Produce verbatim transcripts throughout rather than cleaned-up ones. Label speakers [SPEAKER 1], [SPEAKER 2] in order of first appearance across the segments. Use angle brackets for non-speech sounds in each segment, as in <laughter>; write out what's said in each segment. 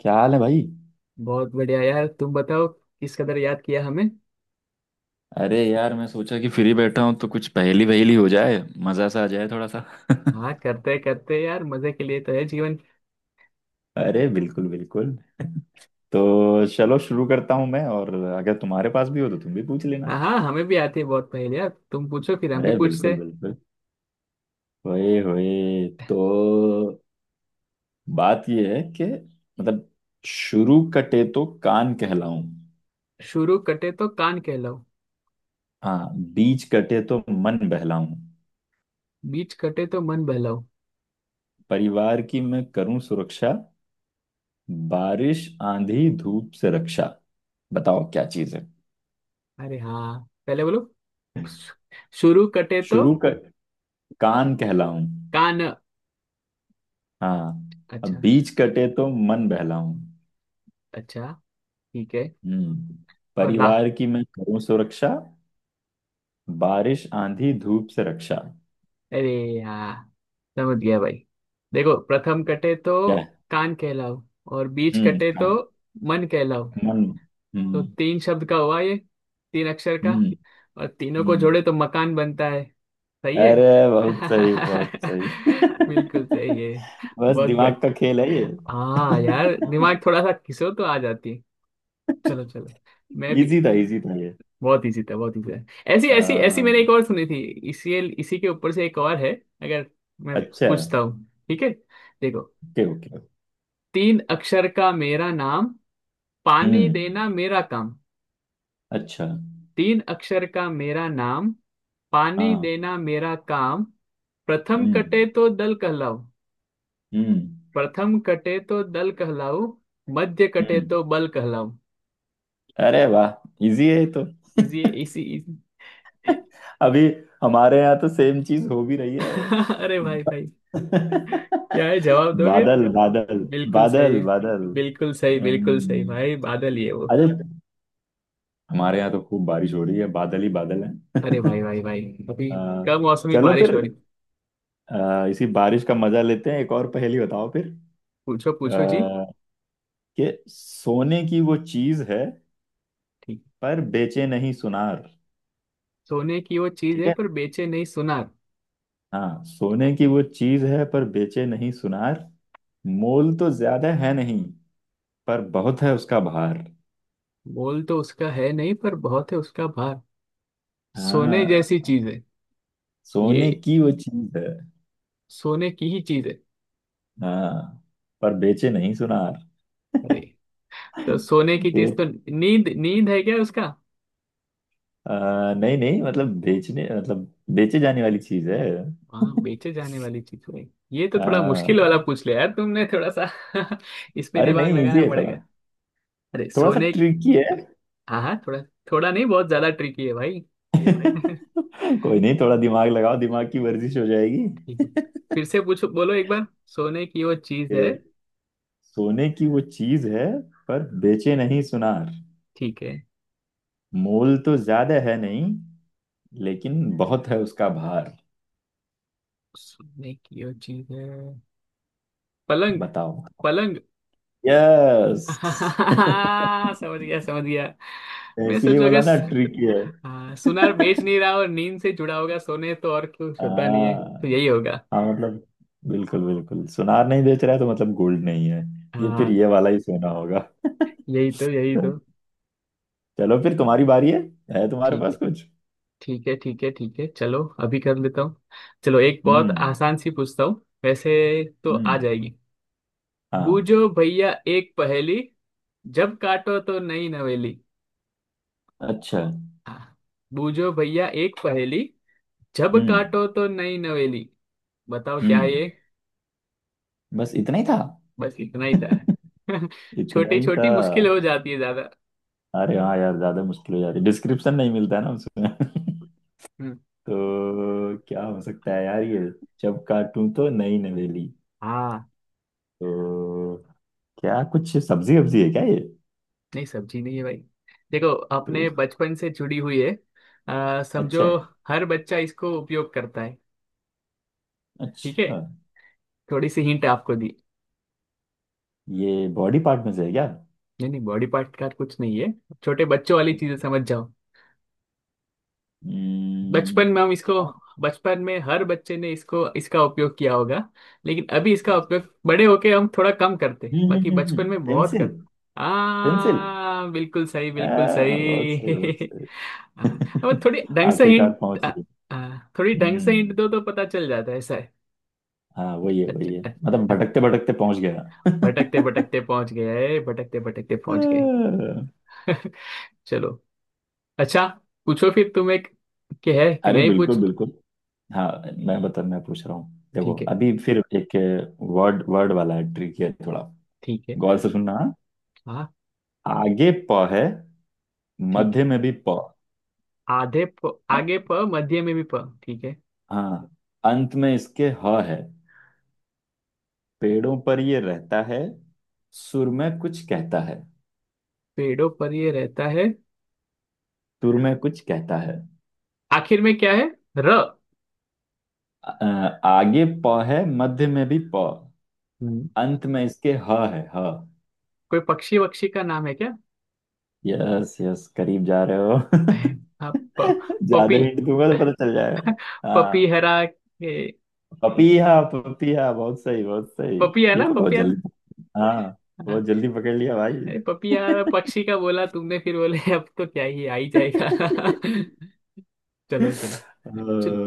[SPEAKER 1] क्या हाल है भाई।
[SPEAKER 2] बहुत बढ़िया यार। तुम बताओ, किस कदर याद किया हमें।
[SPEAKER 1] अरे यार मैं सोचा कि फ्री बैठा हूँ तो कुछ पहेली वहेली हो जाए। मजा सा आ जाए थोड़ा सा <laughs>
[SPEAKER 2] हाँ करते करते यार, मजे के लिए तो है जीवन।
[SPEAKER 1] अरे बिल्कुल बिल्कुल। तो चलो शुरू करता हूं मैं, और अगर तुम्हारे पास भी हो तो तुम भी पूछ लेना।
[SPEAKER 2] हाँ हाँ, हमें भी आती है बहुत पहेली यार। तुम पूछो फिर हम भी
[SPEAKER 1] अरे
[SPEAKER 2] पूछते
[SPEAKER 1] बिल्कुल
[SPEAKER 2] हैं।
[SPEAKER 1] बिल्कुल। होए होए तो बात यह है कि मतलब शुरू कटे तो कान कहलाऊं।
[SPEAKER 2] शुरू कटे तो कान कहलाओ,
[SPEAKER 1] हाँ, बीच कटे तो मन बहलाऊं।
[SPEAKER 2] बीच कटे तो मन बहलाओ।
[SPEAKER 1] परिवार की मैं करूं सुरक्षा, बारिश आंधी धूप से रक्षा। बताओ क्या चीज है।
[SPEAKER 2] अरे हाँ, पहले बोलो। शुरू कटे तो
[SPEAKER 1] शुरू कर, कान कहलाऊं।
[SPEAKER 2] कान।
[SPEAKER 1] हाँ। अब
[SPEAKER 2] अच्छा।
[SPEAKER 1] बीच कटे तो मन बहलाऊं।
[SPEAKER 2] अच्छा। ठीक है।
[SPEAKER 1] हम्म।
[SPEAKER 2] और ला।
[SPEAKER 1] परिवार की मैं करूं सुरक्षा, बारिश आंधी धूप से रक्षा।
[SPEAKER 2] अरे हाँ, समझ गया भाई। देखो, प्रथम कटे तो
[SPEAKER 1] क्या है?
[SPEAKER 2] कान कहलाओ, और बीच
[SPEAKER 1] हम्म,
[SPEAKER 2] कटे तो
[SPEAKER 1] कान।
[SPEAKER 2] मन कहलाओ।
[SPEAKER 1] मन।
[SPEAKER 2] तो
[SPEAKER 1] हम्म।
[SPEAKER 2] तीन शब्द का हुआ ये, तीन अक्षर का।
[SPEAKER 1] हम्म।
[SPEAKER 2] और तीनों को
[SPEAKER 1] हम्म।
[SPEAKER 2] जोड़े तो मकान बनता है। सही है।
[SPEAKER 1] अरे बहुत सही बहुत सही
[SPEAKER 2] <laughs> बिल्कुल सही है।
[SPEAKER 1] <laughs> बस
[SPEAKER 2] बहुत
[SPEAKER 1] दिमाग का
[SPEAKER 2] बढ़िया।
[SPEAKER 1] खेल है ये।
[SPEAKER 2] हाँ यार, दिमाग थोड़ा सा घिसो तो आ जाती है। चलो चलो, मैं
[SPEAKER 1] <laughs>
[SPEAKER 2] भी।
[SPEAKER 1] इजी था इजी था ये।
[SPEAKER 2] बहुत इजी था बहुत इजी था। ऐसी
[SPEAKER 1] अ,
[SPEAKER 2] ऐसी ऐसी मैंने एक और सुनी थी। इसी इसी के ऊपर से एक और है। अगर मैं
[SPEAKER 1] अच्छा।
[SPEAKER 2] पूछता हूँ, ठीक है? देखो,
[SPEAKER 1] ओके ओके।
[SPEAKER 2] तीन अक्षर का मेरा नाम, पानी
[SPEAKER 1] हम्म।
[SPEAKER 2] देना मेरा काम।
[SPEAKER 1] अच्छा।
[SPEAKER 2] तीन अक्षर का मेरा नाम, पानी
[SPEAKER 1] हाँ।
[SPEAKER 2] देना मेरा काम। प्रथम कटे
[SPEAKER 1] हम्म।
[SPEAKER 2] तो दल कहलाऊ।
[SPEAKER 1] हम्म।
[SPEAKER 2] प्रथम कटे तो दल कहलाऊ, मध्य कटे
[SPEAKER 1] हम्म।
[SPEAKER 2] तो बल कहलाऊ।
[SPEAKER 1] अरे वाह, इजी है ये तो।
[SPEAKER 2] इजी है इसी इजी।
[SPEAKER 1] <laughs> अभी हमारे यहाँ तो सेम चीज हो भी रही है।
[SPEAKER 2] <laughs> अरे भाई भाई, क्या है?
[SPEAKER 1] <laughs>
[SPEAKER 2] जवाब दोगे?
[SPEAKER 1] बादल बादल।
[SPEAKER 2] बिल्कुल
[SPEAKER 1] बादल
[SPEAKER 2] सही,
[SPEAKER 1] बादल।
[SPEAKER 2] बिल्कुल सही, बिल्कुल सही
[SPEAKER 1] हम्म,
[SPEAKER 2] भाई। बादल ही है वो।
[SPEAKER 1] अरे हमारे यहाँ तो खूब बारिश हो रही है, बादल ही बादल है।
[SPEAKER 2] अरे भाई
[SPEAKER 1] <laughs>
[SPEAKER 2] भाई भाई। अभी
[SPEAKER 1] आ,
[SPEAKER 2] कम मौसमी
[SPEAKER 1] चलो
[SPEAKER 2] बारिश
[SPEAKER 1] फिर।
[SPEAKER 2] हो रही।
[SPEAKER 1] आ, इसी बारिश का मजा लेते हैं, एक और पहेली बताओ फिर।
[SPEAKER 2] पूछो पूछो जी।
[SPEAKER 1] आ, कि सोने की वो चीज है
[SPEAKER 2] ठीक।
[SPEAKER 1] पर बेचे नहीं सुनार।
[SPEAKER 2] सोने की वो चीज
[SPEAKER 1] ठीक
[SPEAKER 2] है,
[SPEAKER 1] है।
[SPEAKER 2] पर बेचे नहीं सुनार।
[SPEAKER 1] हाँ, सोने की वो चीज है पर बेचे नहीं सुनार। मोल तो ज्यादा है नहीं, पर बहुत है उसका भार।
[SPEAKER 2] मोल तो उसका है नहीं, पर बहुत है उसका भार। सोने जैसी
[SPEAKER 1] हाँ।
[SPEAKER 2] चीज है। ये
[SPEAKER 1] सोने की वो चीज है।
[SPEAKER 2] सोने की ही चीज है।
[SPEAKER 1] हाँ। पर बेचे नहीं सुनार।
[SPEAKER 2] अरे,
[SPEAKER 1] <laughs>
[SPEAKER 2] तो सोने की
[SPEAKER 1] ये
[SPEAKER 2] चीज तो नींद, नींद है क्या उसका?
[SPEAKER 1] आ, नहीं नहीं, मतलब बेचने मतलब बेचे जाने वाली चीज है।
[SPEAKER 2] हाँ,
[SPEAKER 1] <laughs>
[SPEAKER 2] बेचे जाने वाली चीज है। ये तो थोड़ा मुश्किल वाला
[SPEAKER 1] हाँ।
[SPEAKER 2] पूछ लिया यार तुमने, थोड़ा सा। <laughs> इसमें
[SPEAKER 1] अरे
[SPEAKER 2] दिमाग
[SPEAKER 1] नहीं, इजी
[SPEAKER 2] लगाना
[SPEAKER 1] है थोड़ा।
[SPEAKER 2] पड़ेगा। अरे
[SPEAKER 1] थोड़ा सा
[SPEAKER 2] सोने।
[SPEAKER 1] ट्रिकी है।
[SPEAKER 2] हाँ हाँ, थोड़ा। थोड़ा नहीं, बहुत ज्यादा ट्रिकी है भाई। <laughs> ठीक
[SPEAKER 1] <laughs> कोई नहीं, थोड़ा दिमाग लगाओ, दिमाग की वर्जिश हो जाएगी।
[SPEAKER 2] है। फिर से पूछो, बोलो एक बार। सोने की वो चीज
[SPEAKER 1] ये
[SPEAKER 2] है?
[SPEAKER 1] सोने की वो चीज है पर बेचे नहीं सुनार।
[SPEAKER 2] ठीक है।
[SPEAKER 1] मोल तो ज्यादा है नहीं, लेकिन बहुत है उसका भार।
[SPEAKER 2] सोने की वो चीज है। पलंग।
[SPEAKER 1] बताओ।
[SPEAKER 2] पलंग।
[SPEAKER 1] यस।
[SPEAKER 2] <laughs> समझ गया समझ गया।
[SPEAKER 1] <laughs>
[SPEAKER 2] मैं
[SPEAKER 1] इसीलिए
[SPEAKER 2] सोचोगे,
[SPEAKER 1] बोला ना ट्रिकी है।
[SPEAKER 2] हाँ सुनार बेच नहीं रहा और नींद से जुड़ा होगा। सोने तो और कुछ होता नहीं है,
[SPEAKER 1] हाँ।
[SPEAKER 2] तो यही होगा।
[SPEAKER 1] हाँ मतलब, बिल्कुल बिल्कुल, सुनार नहीं बेच रहा है तो मतलब गोल्ड नहीं है। ये फिर
[SPEAKER 2] हाँ,
[SPEAKER 1] ये वाला ही सोना होगा।
[SPEAKER 2] यही तो, यही तो।
[SPEAKER 1] <laughs> चलो फिर, तुम्हारी बारी है। है तुम्हारे
[SPEAKER 2] ठीक है
[SPEAKER 1] पास कुछ।
[SPEAKER 2] ठीक है ठीक है ठीक है, चलो अभी कर लेता हूँ। चलो एक बहुत
[SPEAKER 1] हम्म।
[SPEAKER 2] आसान सी पूछता हूँ वैसे, तो आ
[SPEAKER 1] हम्म।
[SPEAKER 2] जाएगी।
[SPEAKER 1] हाँ।
[SPEAKER 2] बूझो भैया एक पहेली, जब काटो तो नई नवेली।
[SPEAKER 1] अच्छा।
[SPEAKER 2] हाँ। बूझो भैया एक पहेली, जब
[SPEAKER 1] हम्म।
[SPEAKER 2] काटो तो नई नवेली। बताओ क्या है ये?
[SPEAKER 1] हम्म। बस इतना ही था।
[SPEAKER 2] बस इतना ही था। <laughs>
[SPEAKER 1] इतना
[SPEAKER 2] छोटी
[SPEAKER 1] ही था।
[SPEAKER 2] छोटी मुश्किल हो जाती है ज्यादा।
[SPEAKER 1] अरे हाँ यार, ज्यादा मुश्किल हो जा रही, डिस्क्रिप्शन नहीं मिलता है ना उसमें। <laughs>
[SPEAKER 2] हम्म।
[SPEAKER 1] तो क्या हो सकता है यार ये। जब काटूं तो नई नवेली।
[SPEAKER 2] हाँ।
[SPEAKER 1] तो क्या कुछ सब्जी वब्जी है क्या ये।
[SPEAKER 2] नहीं, सब्जी नहीं है भाई। देखो,
[SPEAKER 1] तो
[SPEAKER 2] अपने बचपन से जुड़ी हुई है। अ,
[SPEAKER 1] अच्छा।
[SPEAKER 2] समझो। हर बच्चा इसको उपयोग करता है। ठीक है।
[SPEAKER 1] अच्छा।
[SPEAKER 2] थोड़ी सी हिंट आपको दी।
[SPEAKER 1] ये बॉडी पार्ट में से है क्या।
[SPEAKER 2] नहीं नहीं, बॉडी पार्ट का कुछ नहीं है। छोटे बच्चों वाली चीजें
[SPEAKER 1] अच्छा।
[SPEAKER 2] समझ जाओ।
[SPEAKER 1] हम्म।
[SPEAKER 2] बचपन में हम इसको,
[SPEAKER 1] क्या।
[SPEAKER 2] बचपन में हर बच्चे ने इसको इसका उपयोग किया होगा। लेकिन अभी इसका
[SPEAKER 1] अच्छा।
[SPEAKER 2] उपयोग बड़े होके हम थोड़ा कम करते,
[SPEAKER 1] हम्म
[SPEAKER 2] बाकी
[SPEAKER 1] हम्म हम्म
[SPEAKER 2] बचपन
[SPEAKER 1] हम्म,
[SPEAKER 2] में बहुत
[SPEAKER 1] पेंसिल।
[SPEAKER 2] करते।
[SPEAKER 1] पेंसिल।
[SPEAKER 2] हाँ बिल्कुल सही,
[SPEAKER 1] आ,
[SPEAKER 2] बिल्कुल
[SPEAKER 1] बहुत
[SPEAKER 2] सही।
[SPEAKER 1] सही बहुत सही।
[SPEAKER 2] <laughs> हाँ, अब थोड़ी
[SPEAKER 1] <laughs>
[SPEAKER 2] ढंग से
[SPEAKER 1] आखिरकार
[SPEAKER 2] हिंट।
[SPEAKER 1] पहुंच लिए।
[SPEAKER 2] थोड़ी ढंग से हिंट
[SPEAKER 1] हम्म।
[SPEAKER 2] दो तो पता चल जाता है, ऐसा है।
[SPEAKER 1] हाँ वही है
[SPEAKER 2] अच्छा।
[SPEAKER 1] वही है,
[SPEAKER 2] अच्छा।
[SPEAKER 1] मतलब
[SPEAKER 2] अच्छा।
[SPEAKER 1] भटकते भटकते पहुंच गया। <laughs>
[SPEAKER 2] भटकते भटकते पहुंच गए, भटकते भटकते
[SPEAKER 1] आ,
[SPEAKER 2] पहुंच गए। <laughs> चलो। अच्छा। पूछो फिर तुम एक, के है कि
[SPEAKER 1] अरे
[SPEAKER 2] मैं ही पूछ
[SPEAKER 1] बिल्कुल
[SPEAKER 2] लूं?
[SPEAKER 1] बिल्कुल। हाँ। मैं बता मैं पूछ रहा हूँ, देखो
[SPEAKER 2] ठीक है।
[SPEAKER 1] अभी फिर एक वर्ड वर्ड वाला है, ट्रिक है थोड़ा।
[SPEAKER 2] ठीक है।
[SPEAKER 1] गौर से सुनना हाँ?
[SPEAKER 2] हाँ।
[SPEAKER 1] आगे प है,
[SPEAKER 2] ठीक है।
[SPEAKER 1] मध्य में भी प।
[SPEAKER 2] आधे प, आगे प, मध्य में भी प। ठीक है।
[SPEAKER 1] हाँ। अंत में इसके ह है। पेड़ों पर ये रहता है, सुर में कुछ कहता है।
[SPEAKER 2] पेड़ों पर ये रहता है।
[SPEAKER 1] सुर में कुछ कहता है।
[SPEAKER 2] आखिर में क्या है, र?
[SPEAKER 1] अ, आगे प है, मध्य में भी प।
[SPEAKER 2] हम्म।
[SPEAKER 1] अंत में इसके ह है, ह।
[SPEAKER 2] कोई पक्षी वक्षी का नाम है क्या?
[SPEAKER 1] यस यस, करीब जा रहे हो।
[SPEAKER 2] <laughs> हाँ, प,
[SPEAKER 1] <laughs> ज्यादा
[SPEAKER 2] पपी।
[SPEAKER 1] हिंट दूंगा तो पता चल जाएगा।
[SPEAKER 2] पपी
[SPEAKER 1] हाँ।
[SPEAKER 2] हरा के।
[SPEAKER 1] पपीहा पपीहा, बहुत सही बहुत सही।
[SPEAKER 2] पपी है
[SPEAKER 1] ये
[SPEAKER 2] ना,
[SPEAKER 1] तो बहुत
[SPEAKER 2] पपी है ना?
[SPEAKER 1] जल्दी। हाँ।
[SPEAKER 2] हाँ।
[SPEAKER 1] बहुत जल्दी पकड़ लिया भाई।
[SPEAKER 2] अरे पपिया
[SPEAKER 1] <laughs>
[SPEAKER 2] पक्षी का बोला तुमने, फिर बोले अब तो क्या ही आ ही
[SPEAKER 1] <laughs> अ,
[SPEAKER 2] जाएगा। <laughs> चलो चलो। चलो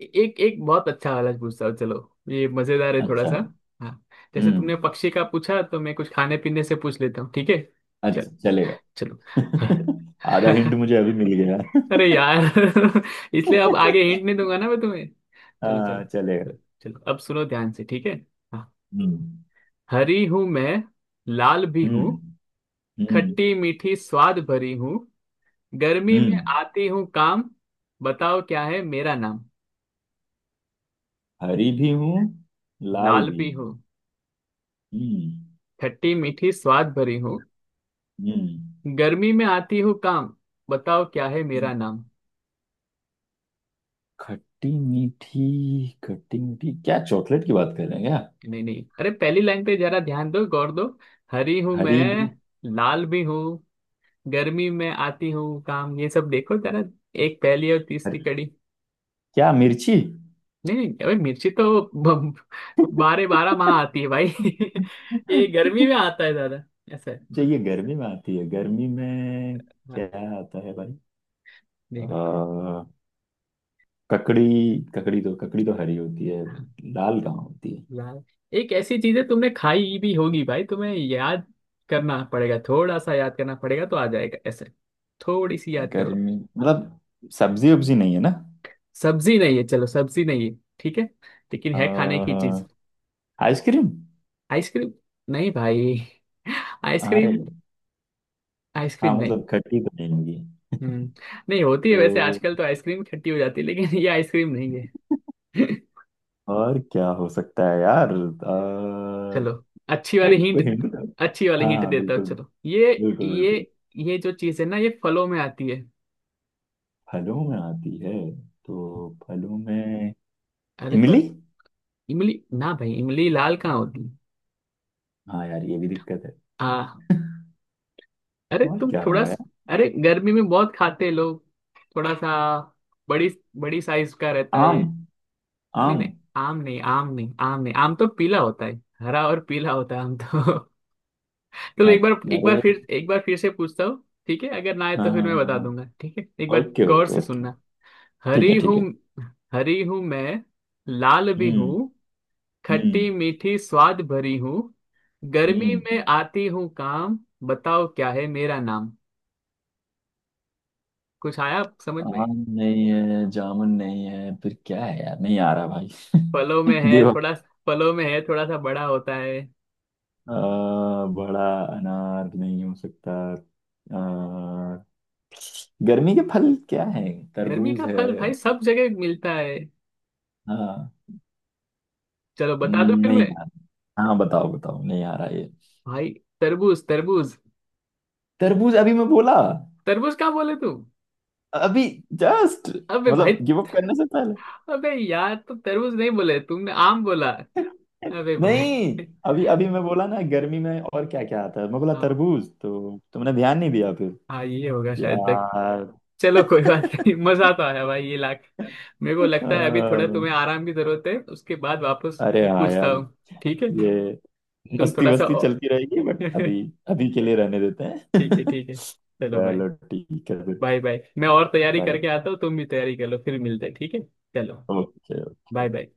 [SPEAKER 2] एक एक बहुत अच्छा वाला पूछता हूँ। चलो ये मजेदार है थोड़ा
[SPEAKER 1] अच्छा।
[SPEAKER 2] सा। हाँ, जैसे तुमने
[SPEAKER 1] हम्म।
[SPEAKER 2] पक्षी का पूछा, तो मैं कुछ खाने पीने से पूछ लेता हूँ, ठीक है? चल।
[SPEAKER 1] अच्छा चलेगा।
[SPEAKER 2] चलो। <laughs>
[SPEAKER 1] <laughs> आधा हिंट मुझे अभी मिल गया।
[SPEAKER 2] अरे यार। <laughs> इसलिए अब आगे हिंट नहीं
[SPEAKER 1] <laughs>
[SPEAKER 2] दूंगा ना मैं तुम्हें। चलो चलो।
[SPEAKER 1] हाँ चलेगा।
[SPEAKER 2] चलो चलो, अब सुनो ध्यान से, ठीक है? हाँ।
[SPEAKER 1] हम्म।
[SPEAKER 2] हरी हूं मैं, लाल भी हूँ,
[SPEAKER 1] हम्म। हम्म।
[SPEAKER 2] खट्टी मीठी स्वाद भरी हूँ। गर्मी में
[SPEAKER 1] हम्म।
[SPEAKER 2] आती हूँ काम। बताओ क्या है मेरा नाम?
[SPEAKER 1] हरी भी हूँ, लाल
[SPEAKER 2] लाल
[SPEAKER 1] भी।
[SPEAKER 2] भी हूँ,
[SPEAKER 1] हम्म।
[SPEAKER 2] खट्टी मीठी स्वाद भरी हूँ,
[SPEAKER 1] हम्म।
[SPEAKER 2] गर्मी में आती हूँ काम। बताओ क्या है मेरा
[SPEAKER 1] हम्म।
[SPEAKER 2] नाम?
[SPEAKER 1] खट्टी मीठी। खट्टी मीठी, क्या चॉकलेट की बात कर रहे हैं क्या।
[SPEAKER 2] नहीं नहीं, अरे पहली लाइन पे जरा ध्यान दो, गौर दो। हरी हूँ
[SPEAKER 1] हरी
[SPEAKER 2] मैं,
[SPEAKER 1] भी।
[SPEAKER 2] लाल भी हूँ, गर्मी में आती हूँ काम, ये सब देखो जरा। एक पहली और तीसरी
[SPEAKER 1] हरी,
[SPEAKER 2] कड़ी।
[SPEAKER 1] क्या मिर्ची।
[SPEAKER 2] नहीं नहीं, अबे मिर्ची तो ब-
[SPEAKER 1] <laughs>
[SPEAKER 2] बारह बारह माह आती है भाई। <laughs> ये गर्मी में आता है दादा। ऐसा है।
[SPEAKER 1] जो ये गर्मी में आती है, गर्मी में
[SPEAKER 2] हाँ।
[SPEAKER 1] क्या आता है भाई।
[SPEAKER 2] देखो।
[SPEAKER 1] आ, ककड़ी। ककड़ी तो, ककड़ी तो हरी होती है,
[SPEAKER 2] हाँ
[SPEAKER 1] लाल कहाँ होती है।
[SPEAKER 2] यार, एक ऐसी चीज है, तुमने खाई भी होगी भाई, तुम्हें याद करना पड़ेगा। थोड़ा सा याद करना पड़ेगा तो आ जाएगा ऐसे। थोड़ी सी याद करो।
[SPEAKER 1] गर्मी मतलब सब्जी उब्जी नहीं है ना।
[SPEAKER 2] सब्जी नहीं है, चलो सब्जी नहीं है, ठीक है। लेकिन
[SPEAKER 1] आ,
[SPEAKER 2] है खाने की चीज।
[SPEAKER 1] आइसक्रीम।
[SPEAKER 2] आइसक्रीम? नहीं भाई,
[SPEAKER 1] अरे
[SPEAKER 2] आइसक्रीम,
[SPEAKER 1] हाँ
[SPEAKER 2] आइसक्रीम नहीं।
[SPEAKER 1] मतलब, खट्टी तो नहीं होगी।
[SPEAKER 2] हम्म। नहीं होती है वैसे,
[SPEAKER 1] तो
[SPEAKER 2] आजकल तो आइसक्रीम खट्टी हो जाती है, लेकिन ये आइसक्रीम नहीं है। <laughs>
[SPEAKER 1] और क्या हो सकता है यार। आ,
[SPEAKER 2] चलो अच्छी वाली
[SPEAKER 1] भाई
[SPEAKER 2] हिंट।
[SPEAKER 1] कोई हिंट दो।
[SPEAKER 2] अच्छी वाली
[SPEAKER 1] हाँ
[SPEAKER 2] हिंट
[SPEAKER 1] हाँ,
[SPEAKER 2] देता हूँ
[SPEAKER 1] बिल्कुल
[SPEAKER 2] चलो। ये,
[SPEAKER 1] बिल्कुल
[SPEAKER 2] ये
[SPEAKER 1] बिल्कुल।
[SPEAKER 2] ये जो चीज है ना, ये फलों में आती है।
[SPEAKER 1] फलों में आती है। तो फलों में
[SPEAKER 2] अरे
[SPEAKER 1] इमली।
[SPEAKER 2] इमली? ना भाई, इमली लाल कहाँ होती है?
[SPEAKER 1] हाँ यार, ये भी दिक्कत है।
[SPEAKER 2] हाँ। अरे
[SPEAKER 1] और
[SPEAKER 2] तुम
[SPEAKER 1] क्या
[SPEAKER 2] थोड़ा
[SPEAKER 1] होगा यार।
[SPEAKER 2] सा। अरे गर्मी में बहुत खाते हैं लोग। थोड़ा सा बड़ी, बड़ी साइज का रहता है
[SPEAKER 1] आम।
[SPEAKER 2] ये। नहीं
[SPEAKER 1] आम।
[SPEAKER 2] नहीं, आम नहीं, आम नहीं, आम नहीं। आम तो पीला होता है, हरा और पीला होता है आम तो। <laughs> चलो एक
[SPEAKER 1] अ-
[SPEAKER 2] बार, एक बार
[SPEAKER 1] अरे
[SPEAKER 2] फिर, एक बार फिर से पूछता हूँ ठीक है, अगर ना आए तो
[SPEAKER 1] हाँ
[SPEAKER 2] फिर मैं
[SPEAKER 1] हाँ,
[SPEAKER 2] बता
[SPEAKER 1] हाँ।
[SPEAKER 2] दूंगा, ठीक है? एक बार
[SPEAKER 1] ओके
[SPEAKER 2] गौर
[SPEAKER 1] ओके
[SPEAKER 2] से
[SPEAKER 1] ओके।
[SPEAKER 2] सुनना।
[SPEAKER 1] ठीक है
[SPEAKER 2] हरी
[SPEAKER 1] ठीक
[SPEAKER 2] हूँ,
[SPEAKER 1] है।
[SPEAKER 2] हरी हूँ मैं, लाल भी
[SPEAKER 1] हम्म।
[SPEAKER 2] हूँ,
[SPEAKER 1] हम्म।
[SPEAKER 2] खट्टी मीठी स्वाद भरी हूँ, गर्मी
[SPEAKER 1] हम्म।
[SPEAKER 2] में आती हूँ काम। बताओ क्या है मेरा नाम? कुछ आया समझ में?
[SPEAKER 1] आम नहीं है, जामुन नहीं है, फिर क्या है यार, नहीं आ रहा भाई।
[SPEAKER 2] फलों में
[SPEAKER 1] <laughs>
[SPEAKER 2] है
[SPEAKER 1] गिव अप।
[SPEAKER 2] थोड़ा। फलों में है, थोड़ा सा बड़ा होता है।
[SPEAKER 1] बड़ा, अनार नहीं हो सकता। आ, गर्मी के फल क्या है,
[SPEAKER 2] गर्मी
[SPEAKER 1] तरबूज
[SPEAKER 2] का
[SPEAKER 1] है।
[SPEAKER 2] फल भाई सब जगह मिलता है।
[SPEAKER 1] हाँ।
[SPEAKER 2] चलो बता दो फिर
[SPEAKER 1] नहीं
[SPEAKER 2] मैं।
[SPEAKER 1] आ रहा। हाँ बताओ बताओ, नहीं आ रहा ये।
[SPEAKER 2] भाई, तरबूज, तरबूज।
[SPEAKER 1] तरबूज अभी मैं बोला।
[SPEAKER 2] तरबूज कहाँ बोले तू?
[SPEAKER 1] अभी। जस्ट।
[SPEAKER 2] अबे
[SPEAKER 1] मतलब
[SPEAKER 2] भाई,
[SPEAKER 1] गिव अप करने से।
[SPEAKER 2] अबे यार, तो तरबूज नहीं बोले तुमने, आम बोला। अबे भाई।
[SPEAKER 1] नहीं
[SPEAKER 2] <laughs>
[SPEAKER 1] अभी अभी मैं बोला ना, गर्मी में और क्या क्या आता है, मैं बोला
[SPEAKER 2] हाँ
[SPEAKER 1] तरबूज, तो तुमने ध्यान नहीं दिया फिर।
[SPEAKER 2] हाँ, ये होगा शायद तक।
[SPEAKER 1] यार।
[SPEAKER 2] चलो कोई बात नहीं।
[SPEAKER 1] <laughs>
[SPEAKER 2] <laughs> मजा तो आया भाई, ये लाख। मेरे को लगता है अभी थोड़ा
[SPEAKER 1] अ,
[SPEAKER 2] तुम्हें आराम की जरूरत है, उसके बाद वापस
[SPEAKER 1] अरे हाँ
[SPEAKER 2] पूछता
[SPEAKER 1] यार।
[SPEAKER 2] हूँ। ठीक है।
[SPEAKER 1] ये
[SPEAKER 2] तुम
[SPEAKER 1] मस्ती
[SPEAKER 2] थोड़ा सा।
[SPEAKER 1] वस्ती
[SPEAKER 2] <laughs>
[SPEAKER 1] चलती रहेगी बट,
[SPEAKER 2] ठीक
[SPEAKER 1] अभी अभी के लिए रहने देते
[SPEAKER 2] है
[SPEAKER 1] हैं। <laughs>
[SPEAKER 2] ठीक है, चलो भाई।
[SPEAKER 1] चलो ठीक है फिर।
[SPEAKER 2] Bye bye. मैं और तैयारी
[SPEAKER 1] बाय।
[SPEAKER 2] करके आता हूँ, तुम भी तैयारी कर लो, फिर मिलते हैं, ठीक है? चलो।
[SPEAKER 1] Okay
[SPEAKER 2] bye
[SPEAKER 1] okay.
[SPEAKER 2] बाय।